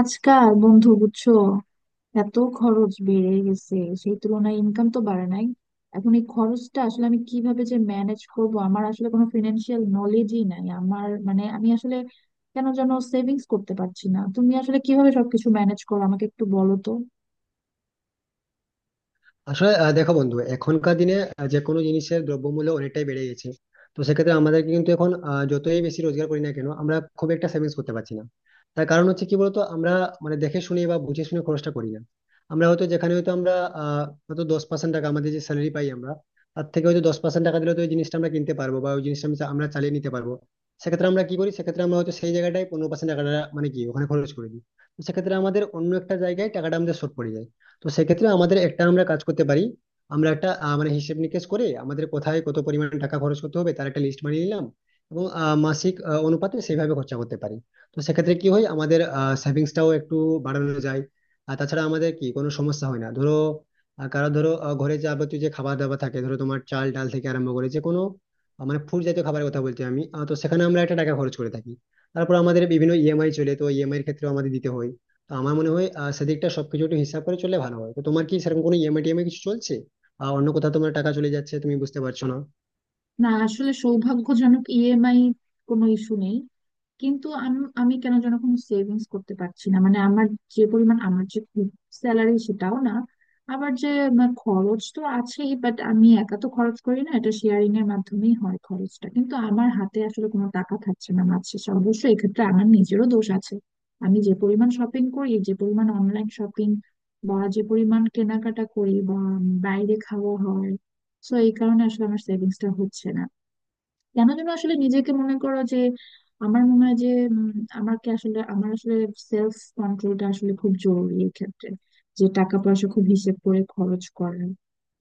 আজকাল বন্ধু বুঝছো, এত খরচ বেড়ে গেছে। সেই তুলনায় ইনকাম তো বাড়ে নাই। এখন এই খরচটা আসলে আমি কিভাবে যে ম্যানেজ করব! আমার আসলে কোনো ফিনান্সিয়াল নলেজই নাই। আমার মানে আমি আসলে কেন যেন সেভিংস করতে পারছি না। তুমি আসলে কিভাবে সবকিছু ম্যানেজ করো, আমাকে একটু বলো তো। আসলে দেখো বন্ধু এখনকার দিনে যে কোনো জিনিসের দ্রব্যমূল্য অনেকটাই বেড়ে গেছে। তো সেক্ষেত্রে আমাদের কিন্তু এখন যতই বেশি রোজগার করি না কেন আমরা খুব একটা সেভিংস করতে পারছি না। তার কারণ হচ্ছে কি বলতো, আমরা মানে দেখে শুনে বা বুঝে শুনে খরচটা করি না। আমরা হয়তো যেখানে হয়তো আমরা হয়তো 10% টাকা, আমাদের যে স্যালারি পাই আমরা, তার থেকে হয়তো 10% টাকা দিলে তো ওই জিনিসটা আমরা কিনতে পারবো, বা ওই জিনিসটা আমরা চালিয়ে নিতে পারবো। সেক্ষেত্রে আমরা কি করি, সেক্ষেত্রে আমরা হয়তো সেই জায়গাটায় 15% টাকাটা মানে কি ওখানে খরচ করে দিই। তো সেক্ষেত্রে আমাদের অন্য একটা জায়গায় টাকাটা আমাদের শর্ট পড়ে যায়। তো সেক্ষেত্রে আমাদের একটা আমরা কাজ করতে পারি। আমরা একটা মানে হিসেব নিকেশ করে আমাদের কোথায় কত পরিমাণ টাকা খরচ করতে হবে তার একটা লিস্ট বানিয়ে নিলাম, এবং মাসিক অনুপাতে সেইভাবে খরচা করতে পারি। তো সেক্ষেত্রে কি হয় আমাদের, সেভিংসটাও একটু বাড়ানো যায়। আর তাছাড়া আমাদের কি কোনো সমস্যা হয় না, ধরো কারো, ধরো ঘরে যাবতীয় যে খাবার দাবার থাকে, ধরো তোমার চাল ডাল থেকে আরম্ভ করে যে কোনো মানে ফুড জাতীয় খাবারের কথা বলছি আমি, তো সেখানে আমরা একটা টাকা খরচ করে থাকি। তারপর আমাদের বিভিন্ন ইএমআই চলে, তো ইএমআই এর ক্ষেত্রেও আমাদের দিতে হয়। তো আমার মনে হয় সেদিকটা সবকিছু একটু হিসাব করে চললে ভালো হয়। তো তোমার কি সেরকম কোনো ইএমআই টিএমআই কিছু চলছে, আর অন্য কোথাও তোমার টাকা চলে যাচ্ছে তুমি বুঝতে পারছো না? না, আসলে সৌভাগ্যজনক ইএমআই কোনো ইস্যু নেই। কিন্তু আমি আমি কেন যেন কোনো সেভিংস করতে পারছি না। মানে আমার যে পরিমাণ আমার যে স্যালারি, সেটাও না। আবার যে আমার খরচ তো আছেই, বাট আমি একা তো খরচ করি না, এটা শেয়ারিং এর মাধ্যমেই হয় খরচটা, কিন্তু আমার হাতে আসলে কোনো টাকা থাকছে না মাস শেষে। অবশ্য এক্ষেত্রে আমার নিজেরও দোষ আছে। আমি যে পরিমাণ শপিং করি, যে পরিমাণ অনলাইন শপিং বা যে পরিমাণ কেনাকাটা করি, বা বাইরে খাওয়া হয়, তো এই কারণে আসলে আমার সেভিংসটা হচ্ছে না। কেন যেন আসলে নিজেকে মনে করো যে, আমার মনে হয় যে উম, আমাকে আসলে আমার আসলে সেলফ কন্ট্রোলটা আসলে খুব জরুরি এক্ষেত্রে। যে টাকা পয়সা খুব হিসেব করে খরচ করা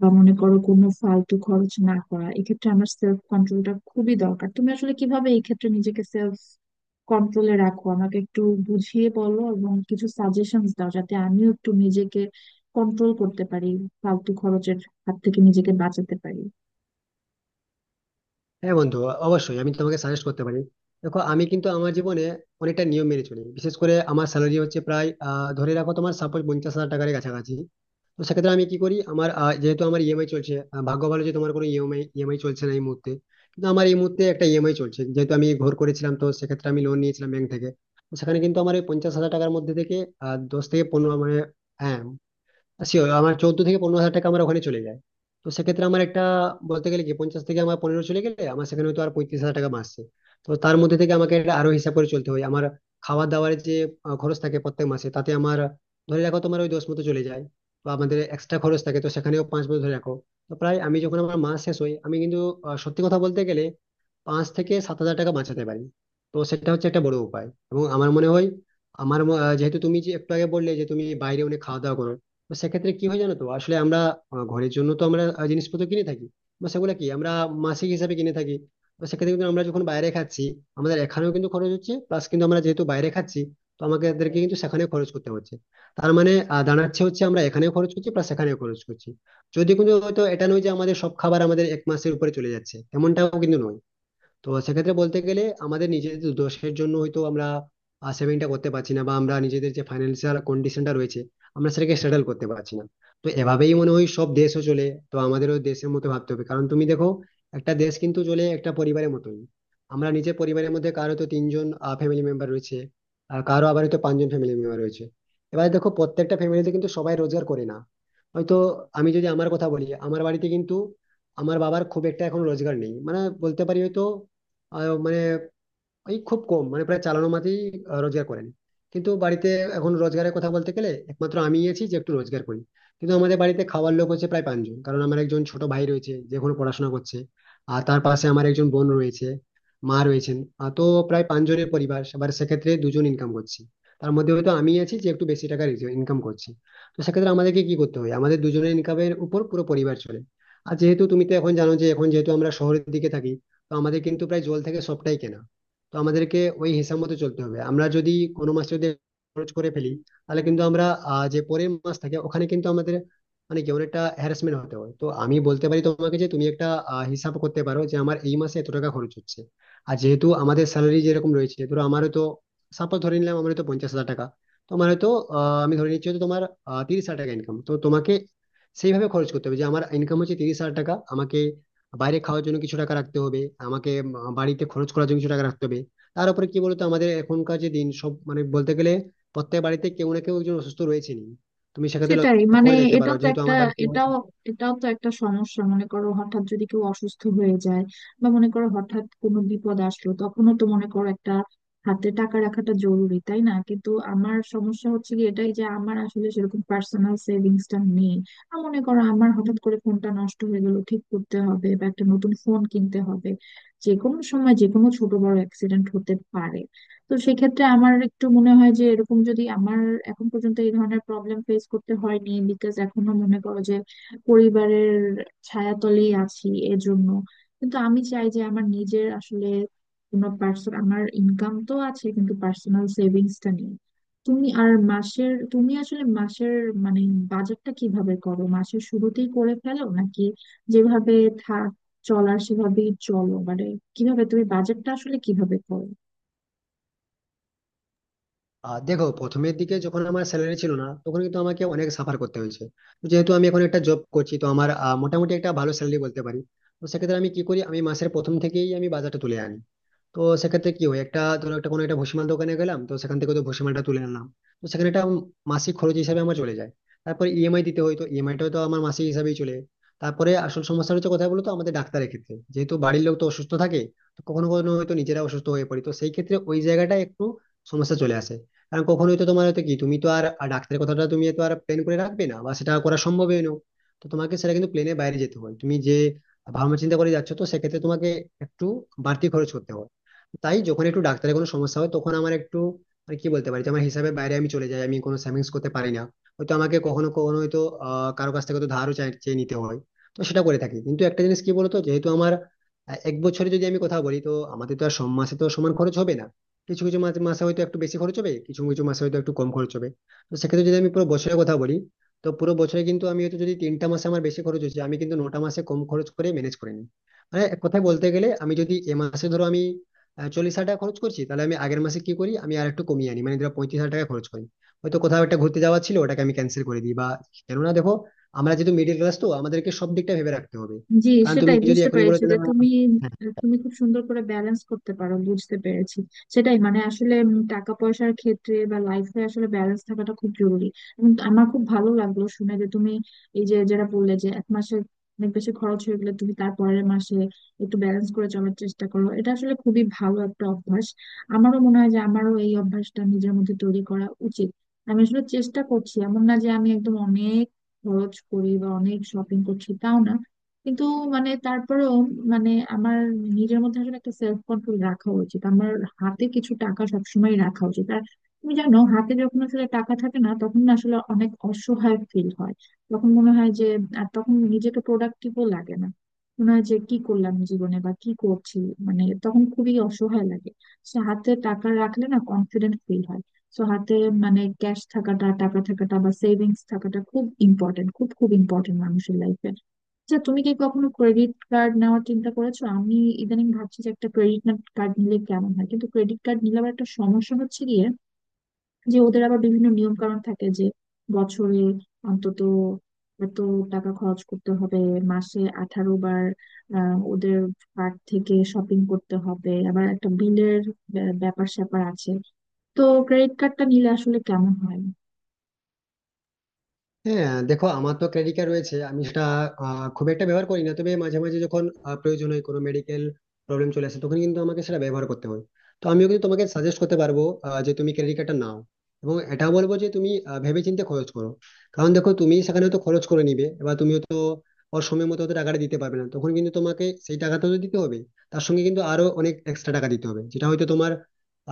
বা মনে করো কোনো ফালতু খরচ না করা, এক্ষেত্রে আমার সেলফ কন্ট্রোলটা খুবই দরকার। তুমি আসলে কিভাবে এই ক্ষেত্রে নিজেকে সেলফ কন্ট্রোলে রাখো, আমাকে একটু বুঝিয়ে বলো এবং কিছু সাজেশনস দাও যাতে আমিও একটু নিজেকে কন্ট্রোল করতে পারি, ফালতু খরচের হাত থেকে নিজেকে বাঁচাতে পারি। হ্যাঁ বন্ধু, অবশ্যই আমি তোমাকে সাজেস্ট করতে পারি। দেখো আমি কিন্তু আমার জীবনে অনেকটা নিয়ম মেনে চলি। বিশেষ করে আমার স্যালারি হচ্ছে প্রায়, ধরে রাখো তোমার, সাপোজ 50,000 টাকার কাছাকাছি। তো সেক্ষেত্রে আমি কি করি, আমার যেহেতু আমার ইএমআই চলছে, ভাগ্য ভালো যে তোমার কোনো ইএমআই ইএমআই চলছে না এই মুহূর্তে। কিন্তু আমার এই মুহূর্তে একটা ইএমআই চলছে, যেহেতু আমি ঘর করেছিলাম তো সেক্ষেত্রে আমি লোন নিয়েছিলাম ব্যাংক থেকে। তো সেখানে কিন্তু আমার ওই 50,000 টাকার মধ্যে থেকে 10 থেকে 15 মানে, হ্যাঁ শিওর, আমার 14 থেকে 15 হাজার টাকা আমার ওখানে চলে যায়। তো সেক্ষেত্রে আমার একটা বলতে গেলে কি, 50 থেকে আমার 15 চলে গেলে আমার সেখানে তো আর 35,000 টাকা মাসে। তো তার মধ্যে থেকে আমাকে এটা আরো হিসাব করে চলতে হয়। আমার খাওয়া দাওয়ার যে খরচ থাকে প্রত্যেক মাসে, তাতে আমার ধরে রাখো তোমার ওই দশ মতো চলে যায়। তো আমাদের এক্সট্রা খরচ থাকে, তো সেখানেও পাঁচ মতো ধরে রাখো। তো প্রায় আমি যখন আমার মাস শেষ হই আমি কিন্তু, সত্যি কথা বলতে গেলে, 5 থেকে 7 হাজার টাকা বাঁচাতে পারি। তো সেটা হচ্ছে একটা বড় উপায়। এবং আমার মনে হয়, যেহেতু তুমি যে একটু আগে বললে যে তুমি বাইরে অনেক খাওয়া দাওয়া করো, তো সেক্ষেত্রে কি হয় জানো, তো আসলে আমরা ঘরের জন্য তো আমরা জিনিসপত্র কিনে থাকি, বা সেগুলো কি আমরা মাসিক হিসাবে কিনে থাকি। তো সেক্ষেত্রে কিন্তু আমরা যখন বাইরে খাচ্ছি, আমাদের এখানেও কিন্তু খরচ হচ্ছে, প্লাস কিন্তু আমরা যেহেতু বাইরে খাচ্ছি তো আমাদেরকে কিন্তু সেখানে খরচ করতে হচ্ছে। তার মানে দাঁড়াচ্ছে হচ্ছে আমরা এখানেও খরচ করছি, প্লাস সেখানেও খরচ করছি। যদি কিন্তু হয়তো, এটা নয় যে আমাদের সব খাবার আমাদের এক মাসের উপরে চলে যাচ্ছে, এমনটাও কিন্তু নয়। তো সেক্ষেত্রে বলতে গেলে আমাদের নিজেদের দোষের জন্য হয়তো আমরা সেভিংটা করতে পারছি না, বা আমরা নিজেদের যে ফাইন্যান্সিয়াল কন্ডিশনটা রয়েছে আমরা সেটাকে সেটেল করতে পারছি না। তো এভাবেই মনে হয় সব দেশও চলে, তো আমাদেরও দেশের মতো ভাবতে হবে, কারণ তুমি দেখো একটা দেশ কিন্তু চলে একটা পরিবারের মতোই। আমরা নিজের পরিবারের মধ্যে কারো তো তিনজন ফ্যামিলি মেম্বার রয়েছে, আর কারো আবার হয়তো পাঁচজন ফ্যামিলি মেম্বার রয়েছে। এবার দেখো প্রত্যেকটা ফ্যামিলিতে কিন্তু সবাই রোজগার করে না। হয়তো আমি যদি আমার কথা বলি, আমার বাড়িতে কিন্তু আমার বাবার খুব একটা এখন রোজগার নেই, মানে বলতে পারি হয়তো আহ মানে ওই খুব কম, মানে প্রায় চালানো মাত্রই রোজগার করেন। কিন্তু বাড়িতে এখন রোজগারের কথা বলতে গেলে একমাত্র আমি আছি যে একটু রোজগার করি। কিন্তু আমাদের বাড়িতে খাওয়ার লোক হচ্ছে প্রায় পাঁচজন, কারণ আমার একজন ছোট ভাই রয়েছে যে এখনো পড়াশোনা করছে, আর তার পাশে আমার একজন বোন রয়েছে, মা রয়েছেন। তো প্রায় পাঁচজনের পরিবার, এবার সেক্ষেত্রে দুজন ইনকাম করছি। তার মধ্যে হয়তো আমি আছি যে একটু বেশি টাকা ইনকাম করছি। তো সেক্ষেত্রে আমাদেরকে কি করতে হয়, আমাদের দুজনের ইনকামের উপর পুরো পরিবার চলে। আর যেহেতু তুমি তো এখন জানো যে এখন যেহেতু আমরা শহরের দিকে থাকি, তো আমাদের কিন্তু প্রায় জল থেকে সবটাই কেনা। তো আমাদেরকে ওই হিসাব মতো চলতে হবে। আমরা যদি কোনো মাসে যদি খরচ করে ফেলি তাহলে কিন্তু আমরা যে পরের মাস থাকে ওখানে কিন্তু আমাদের মানে কি অনেকটা হ্যারাসমেন্ট হতে হয়। তো আমি বলতে পারি তোমাকে যে তুমি একটা হিসাব করতে পারো যে আমার এই মাসে এত টাকা খরচ হচ্ছে। আর যেহেতু আমাদের স্যালারি যেরকম রয়েছে, ধরো আমারও তো সাপোজ ধরে নিলাম আমার তো 50,000 টাকা, তোমার হয়তো আহ, আমি ধরে নিচ্ছি হয়তো তোমার 30,000 টাকা ইনকাম। তো তোমাকে সেইভাবে খরচ করতে হবে যে আমার ইনকাম হচ্ছে 30,000 টাকা, আমাকে বাইরে খাওয়ার জন্য কিছু টাকা রাখতে হবে, আমাকে বাড়িতে খরচ করার জন্য কিছু টাকা রাখতে হবে। তার উপরে কি বলতো, আমাদের এখনকার যে দিন, সব মানে বলতে গেলে প্রত্যেক বাড়িতে কেউ না কেউ একজন অসুস্থ রয়েছেনই। তুমি সেক্ষেত্রে সেটাই লক্ষ্য মানে, করে দেখতে পারো এটাও তো যেহেতু একটা আমার বাড়িতে এটাও এটাও তো একটা সমস্যা। মনে করো হঠাৎ যদি কেউ অসুস্থ হয়ে যায়, বা মনে করো হঠাৎ কোনো বিপদ আসলো, তখনও তো মনে করো একটা হাতে টাকা রাখাটা জরুরি, তাই না? কিন্তু আমার সমস্যা হচ্ছে কি, এটাই যে আমার আসলে সেরকম পার্সোনাল সেভিংসটা নেই। আর মনে করো আমার হঠাৎ করে ফোনটা নষ্ট হয়ে গেল, ঠিক করতে হবে বা একটা নতুন ফোন কিনতে হবে। যে কোনো সময় যে কোনো ছোট বড় অ্যাক্সিডেন্ট হতে পারে। তো সেক্ষেত্রে আমার একটু মনে হয় যে এরকম যদি আমার এখন পর্যন্ত এই ধরনের প্রবলেম ফেস করতে হয়নি, বিকজ এখনো মনে করো যে পরিবারের ছায়াতলেই আছি এর জন্য। কিন্তু আমি চাই যে আমার নিজের আসলে কোনো পার্সন, আমার ইনকাম তো আছে কিন্তু পার্সোনাল সেভিংসটা নেই। তুমি আর মাসের, তুমি আসলে মাসের মানে বাজেটটা কিভাবে করো? মাসের শুরুতেই করে ফেলো, নাকি যেভাবে থাক চলার সেভাবেই চলো? মানে কিভাবে তুমি বাজেটটা আসলে কিভাবে করো? দেখো, প্রথমের দিকে যখন আমার স্যালারি ছিল না তখন কিন্তু আমাকে অনেক সাফার করতে হয়েছে। তো যেহেতু আমি এখন একটা জব করছি তো আমার মোটামুটি একটা ভালো স্যালারি বলতে পারি। তো সেক্ষেত্রে আমি কি করি, আমি মাসের প্রথম থেকেই আমি বাজারটা তুলে আনি। তো সেক্ষেত্রে কি হয়, একটা ধরো একটা কোনো একটা ভুসিমাল দোকানে গেলাম তো সেখান থেকে তো ভুসিমালটা তুলে নিলাম। তো সেখানে একটা মাসিক খরচ হিসাবে আমার চলে যায়। তারপরে ইএমআই দিতে হয়, তো ইএমআইটাও তো আমার মাসিক হিসাবেই চলে যায়। তারপরে আসল সমস্যা হচ্ছে কোথায় বলতো, আমাদের ডাক্তারের ক্ষেত্রে, যেহেতু বাড়ির লোক তো অসুস্থ থাকে, তো কখনো কখনো হয়তো নিজেরা অসুস্থ হয়ে পড়ি, তো সেই ক্ষেত্রে ওই জায়গাটা একটু সমস্যা চলে আসে। কারণ কখনো হয়তো তোমার হয়তো কি, তুমি তো আর আর ডাক্তারের কথাটা তুমি তো আর প্ল্যান করে রাখবে না, বা সেটা করা সম্ভবই নয়। তো তোমাকে সেটা কিন্তু প্লেনের বাইরে যেতে হয়, তুমি যে ভাবনা চিন্তা করে যাচ্ছ, তো সেক্ষেত্রে তোমাকে একটু বাড়তি খরচ করতে হয়। তাই যখন একটু ডাক্তারের কোনো সমস্যা হয় তখন আমার একটু মানে কি বলতে পারি যে আমার হিসাবের বাইরে আমি চলে যাই, আমি কোনো সেভিংস করতে পারি না। হয়তো আমাকে কখনো কখনো হয়তো কারো কাছ থেকে হয়তো ধারও চেয়ে নিতে হয়। তো সেটা করে থাকি। কিন্তু একটা জিনিস কি বলতো, যেহেতু আমার এক বছরে যদি আমি কথা বলি, তো আমাদের তো আর সব মাসে তো সমান খরচ হবে না। কিছু কিছু মাসে মাসে হয়তো একটু বেশি খরচ হবে, কিছু কিছু মাসে হয়তো একটু কম খরচ হবে। তো সেক্ষেত্রে যদি আমি পুরো বছরের কথা বলি, তো পুরো বছরে কিন্তু আমি হয়তো যদি 3টা মাসে আমার বেশি খরচ হচ্ছে, আমি কিন্তু 9টা মাসে কম খরচ করে ম্যানেজ করে নিই। মানে এক কথায় বলতে গেলে আমি যদি এ মাসে ধরো আমি 40,000 টাকা খরচ করছি, তাহলে আমি আগের মাসে কি করি, আমি আর একটু কমিয়ে আনি মানে ধরো 35,000 টাকা খরচ করি। হয়তো কোথাও একটা ঘুরতে যাওয়া ছিল ওটাকে আমি ক্যান্সেল করে দিই। বা কেননা দেখো, আমরা যেহেতু মিডিল ক্লাস তো আমাদেরকে সব দিকটা ভেবে রাখতে হবে। জি। কারণ তুমি সেটাই, যদি বুঝতে এখনই বলে পেরেছি যে যে না। তুমি তুমি খুব সুন্দর করে ব্যালেন্স করতে পারো, বুঝতে পেরেছি। সেটাই, মানে আসলে উম টাকা পয়সার ক্ষেত্রে বা লাইফে আসলে ব্যালেন্স থাকাটা খুব জরুরি। এবং আমার খুব ভালো লাগলো শুনে যে তুমি এই যে যেটা বললে যে এক মাসে অনেক বেশি খরচ হয়ে গেলে তুমি তার পরের মাসে একটু ব্যালেন্স করে চলার চেষ্টা করো, এটা আসলে খুবই ভালো একটা অভ্যাস। আমারও মনে হয় যে আমারও এই অভ্যাসটা নিজের মধ্যে তৈরি করা উচিত। আমি আসলে চেষ্টা করছি, এমন না যে আমি একদম অনেক খরচ করি বা অনেক শপিং করছি, তাও না। কিন্তু মানে তারপরেও, মানে আমার নিজের মধ্যে আসলে একটা সেলফ কন্ট্রোল রাখা উচিত, আমার হাতে কিছু টাকা সবসময় রাখা উচিত। আর তুমি জানো, হাতে যখন আসলে টাকা থাকে না তখন না আসলে অনেক অসহায় ফিল হয়। তখন মনে হয় যে আর তখন নিজেকে প্রোডাক্টিভও লাগে না, মনে হয় যে কি করলাম জীবনে বা কি করছি, মানে তখন খুবই অসহায় লাগে। সো হাতে টাকা রাখলে না কনফিডেন্ট ফিল হয়। সো হাতে মানে ক্যাশ থাকাটা, টাকা থাকাটা বা সেভিংস থাকাটা খুব ইম্পর্টেন্ট, খুব খুব ইম্পর্টেন্ট মানুষের লাইফে। আচ্ছা, তুমি কি কখনো ক্রেডিট কার্ড নেওয়ার চিন্তা করেছো? আমি ইদানিং ভাবছি যে একটা ক্রেডিট কার্ড নিলে কেমন হয়। কিন্তু ক্রেডিট কার্ড নিলে আবার একটা সমস্যা হচ্ছে গিয়ে, যে ওদের আবার বিভিন্ন নিয়ম কানুন থাকে যে বছরে অন্তত এত টাকা খরচ করতে হবে, মাসে 18 বার ওদের কার্ড থেকে শপিং করতে হবে, আবার একটা বিলের ব্যাপার স্যাপার আছে। তো ক্রেডিট কার্ডটা নিলে আসলে কেমন হয়? হ্যাঁ দেখো, আমার তো ক্রেডিট কার্ড রয়েছে, আমি সেটা খুব একটা ব্যবহার করি না, তবে মাঝে মাঝে যখন প্রয়োজন হয়, কোনো মেডিকেল প্রবলেম চলে আসে তখন কিন্তু আমাকে সেটা ব্যবহার করতে হয়। তো আমিও কিন্তু তোমাকে সাজেস্ট করতে পারবো যে তুমি ক্রেডিট কার্ডটা নাও, এবং এটা বলবো যে তুমি ভেবেচিন্তে খরচ করো। কারণ দেখো তুমি সেখানে তো খরচ করে নিবে, এবার তুমি তো ওর সময় মতো হয়তো টাকাটা দিতে পারবে না, তখন কিন্তু তোমাকে সেই টাকাটা তো দিতে হবে, তার সঙ্গে কিন্তু আরো অনেক এক্সট্রা টাকা দিতে হবে, যেটা হয়তো তোমার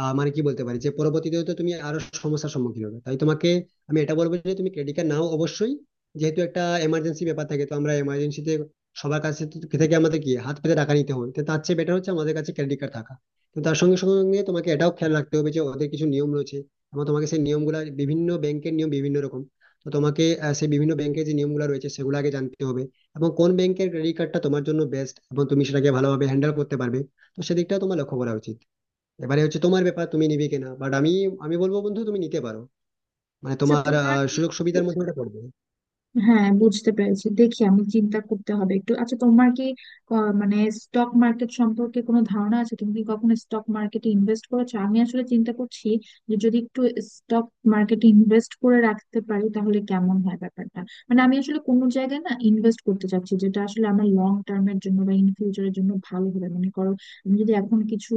মানে কি বলতে পারি যে পরবর্তীতে তো তুমি আরো সমস্যার সম্মুখীন হবে। তাই তোমাকে আমি এটা বলবো যে তুমি ক্রেডিট কার্ড নাও অবশ্যই, যেহেতু একটা এমার্জেন্সি ব্যাপার থাকে, তো আমরা এমার্জেন্সিতে সবার কাছে থেকে আমাদের কি হাত পেতে টাকা নিতে হয়, তো তার চেয়ে বেটার হচ্ছে আমাদের কাছে ক্রেডিট কার্ড থাকা। তো তার সঙ্গে সঙ্গে তোমাকে এটাও খেয়াল রাখতে হবে যে ওদের কিছু নিয়ম রয়েছে, এবং তোমাকে সেই নিয়মগুলা, বিভিন্ন ব্যাংকের নিয়ম বিভিন্ন রকম, তো তোমাকে সেই বিভিন্ন ব্যাংকের যে নিয়মগুলো রয়েছে সেগুলো আগে জানতে হবে, এবং কোন ব্যাংকের ক্রেডিট কার্ডটা তোমার জন্য বেস্ট এবং তুমি সেটাকে ভালোভাবে হ্যান্ডেল করতে পারবে। তো সেদিকটা তোমার লক্ষ্য করা উচিত। এবারে হচ্ছে তোমার ব্যাপার, তুমি নিবে কিনা, বাট আমি আমি বলবো বন্ধু, তুমি নিতে পারো, মানে আচ্ছা তোমার তোমার কি, সুযোগ সুবিধার মধ্যে ওটা পড়বে। হ্যাঁ বুঝতে পেরেছি, দেখি আমি চিন্তা করতে হবে একটু। আচ্ছা তোমার কি মানে স্টক মার্কেট সম্পর্কে কোনো ধারণা আছে? তুমি কি কখনো স্টক মার্কেটে ইনভেস্ট করেছো? আমি আসলে চিন্তা করছি যে যদি একটু স্টক মার্কেটে ইনভেস্ট করে রাখতে পারি তাহলে কেমন হয় ব্যাপারটা। মানে আমি আসলে কোনো জায়গায় না ইনভেস্ট করতে চাচ্ছি যেটা আসলে আমার লং টার্মের জন্য বা ইন ফিউচারের জন্য ভালো হবে। মনে করো আমি যদি এখন কিছু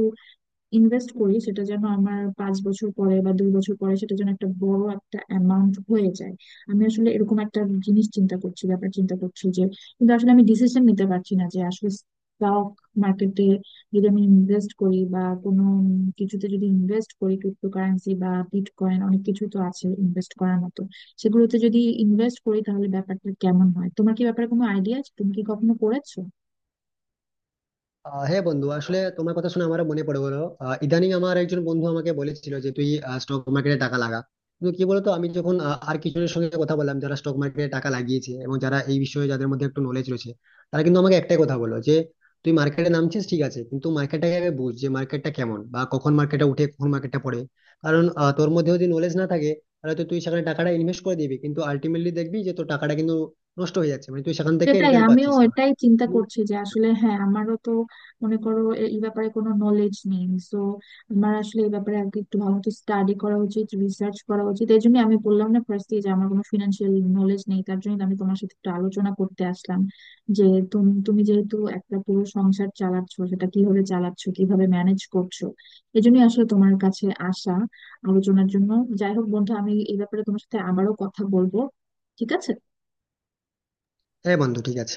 ইনভেস্ট করি, সেটা যেন আমার 5 বছর পরে বা 2 বছর পরে সেটা যেন একটা বড় একটা অ্যামাউন্ট হয়ে যায়। আমি আসলে এরকম একটা জিনিস চিন্তা করছি, ব্যাপার চিন্তা করছি যে, কিন্তু আসলে আমি ডিসিশন নিতে পারছি না যে আসলে স্টক মার্কেটে যদি আমি ইনভেস্ট করি বা কোনো উম কিছুতে যদি ইনভেস্ট করি, ক্রিপ্টোকারেন্সি বা বিটকয়েন, অনেক কিছু তো আছে ইনভেস্ট করার মতো। সেগুলোতে যদি ইনভেস্ট করি তাহলে ব্যাপারটা কেমন হয়? তোমার কি ব্যাপারে কোনো আইডিয়া আছে? তুমি কি কখনো করেছো? হ্যাঁ বন্ধু, আসলে তোমার কথা শুনে আমারও মনে পড়ে গেলো। ইদানিং আমার একজন বন্ধু আমাকে বলেছিল যে তুই স্টক মার্কেটে টাকা লাগা। কিন্তু কি বলতো, আমি যখন আর কিছুজনের সঙ্গে কথা বললাম, যারা স্টক মার্কেটে টাকা লাগিয়েছে এবং যারা এই বিষয়ে যাদের মধ্যে একটু নলেজ রয়েছে, তারা কিন্তু আমাকে একটাই কথা বললো যে তুই মার্কেটে নামছিস ঠিক আছে, কিন্তু মার্কেটটাকে আগে বুঝ, যে মার্কেটটা কেমন, বা কখন মার্কেটটা উঠে কখন মার্কেটটা পড়ে। কারণ তোর মধ্যে যদি নলেজ না থাকে, তাহলে তো তুই সেখানে টাকাটা ইনভেস্ট করে দিবি, কিন্তু আলটিমেটলি দেখবি যে তোর টাকাটা কিন্তু নষ্ট হয়ে যাচ্ছে মানে তুই সেখান থেকে সেটাই, রিটার্ন আমিও পাচ্ছিস না। এটাই চিন্তা করছি যে আসলে, হ্যাঁ আমারও তো মনে করো এই ব্যাপারে কোনো নলেজ নেই। তো আমার আসলে এই ব্যাপারে আগে একটু ভালো মতো স্টাডি করা উচিত, রিসার্চ করা উচিত। এই জন্য আমি বললাম না ফার্স্ট যে আমার কোনো ফিনান্সিয়াল নলেজ নেই, তার জন্য আমি তোমার সাথে একটু আলোচনা করতে আসলাম। যে তুমি তুমি যেহেতু একটা পুরো সংসার চালাচ্ছো, সেটা কিভাবে চালাচ্ছো, কিভাবে ম্যানেজ করছো, এই জন্যই আসলে তোমার কাছে আসা আলোচনার জন্য। যাই হোক বন্ধু, আমি এই ব্যাপারে তোমার সাথে আবারও কথা বলবো, ঠিক আছে। হ্যাঁ বন্ধু ঠিক আছে।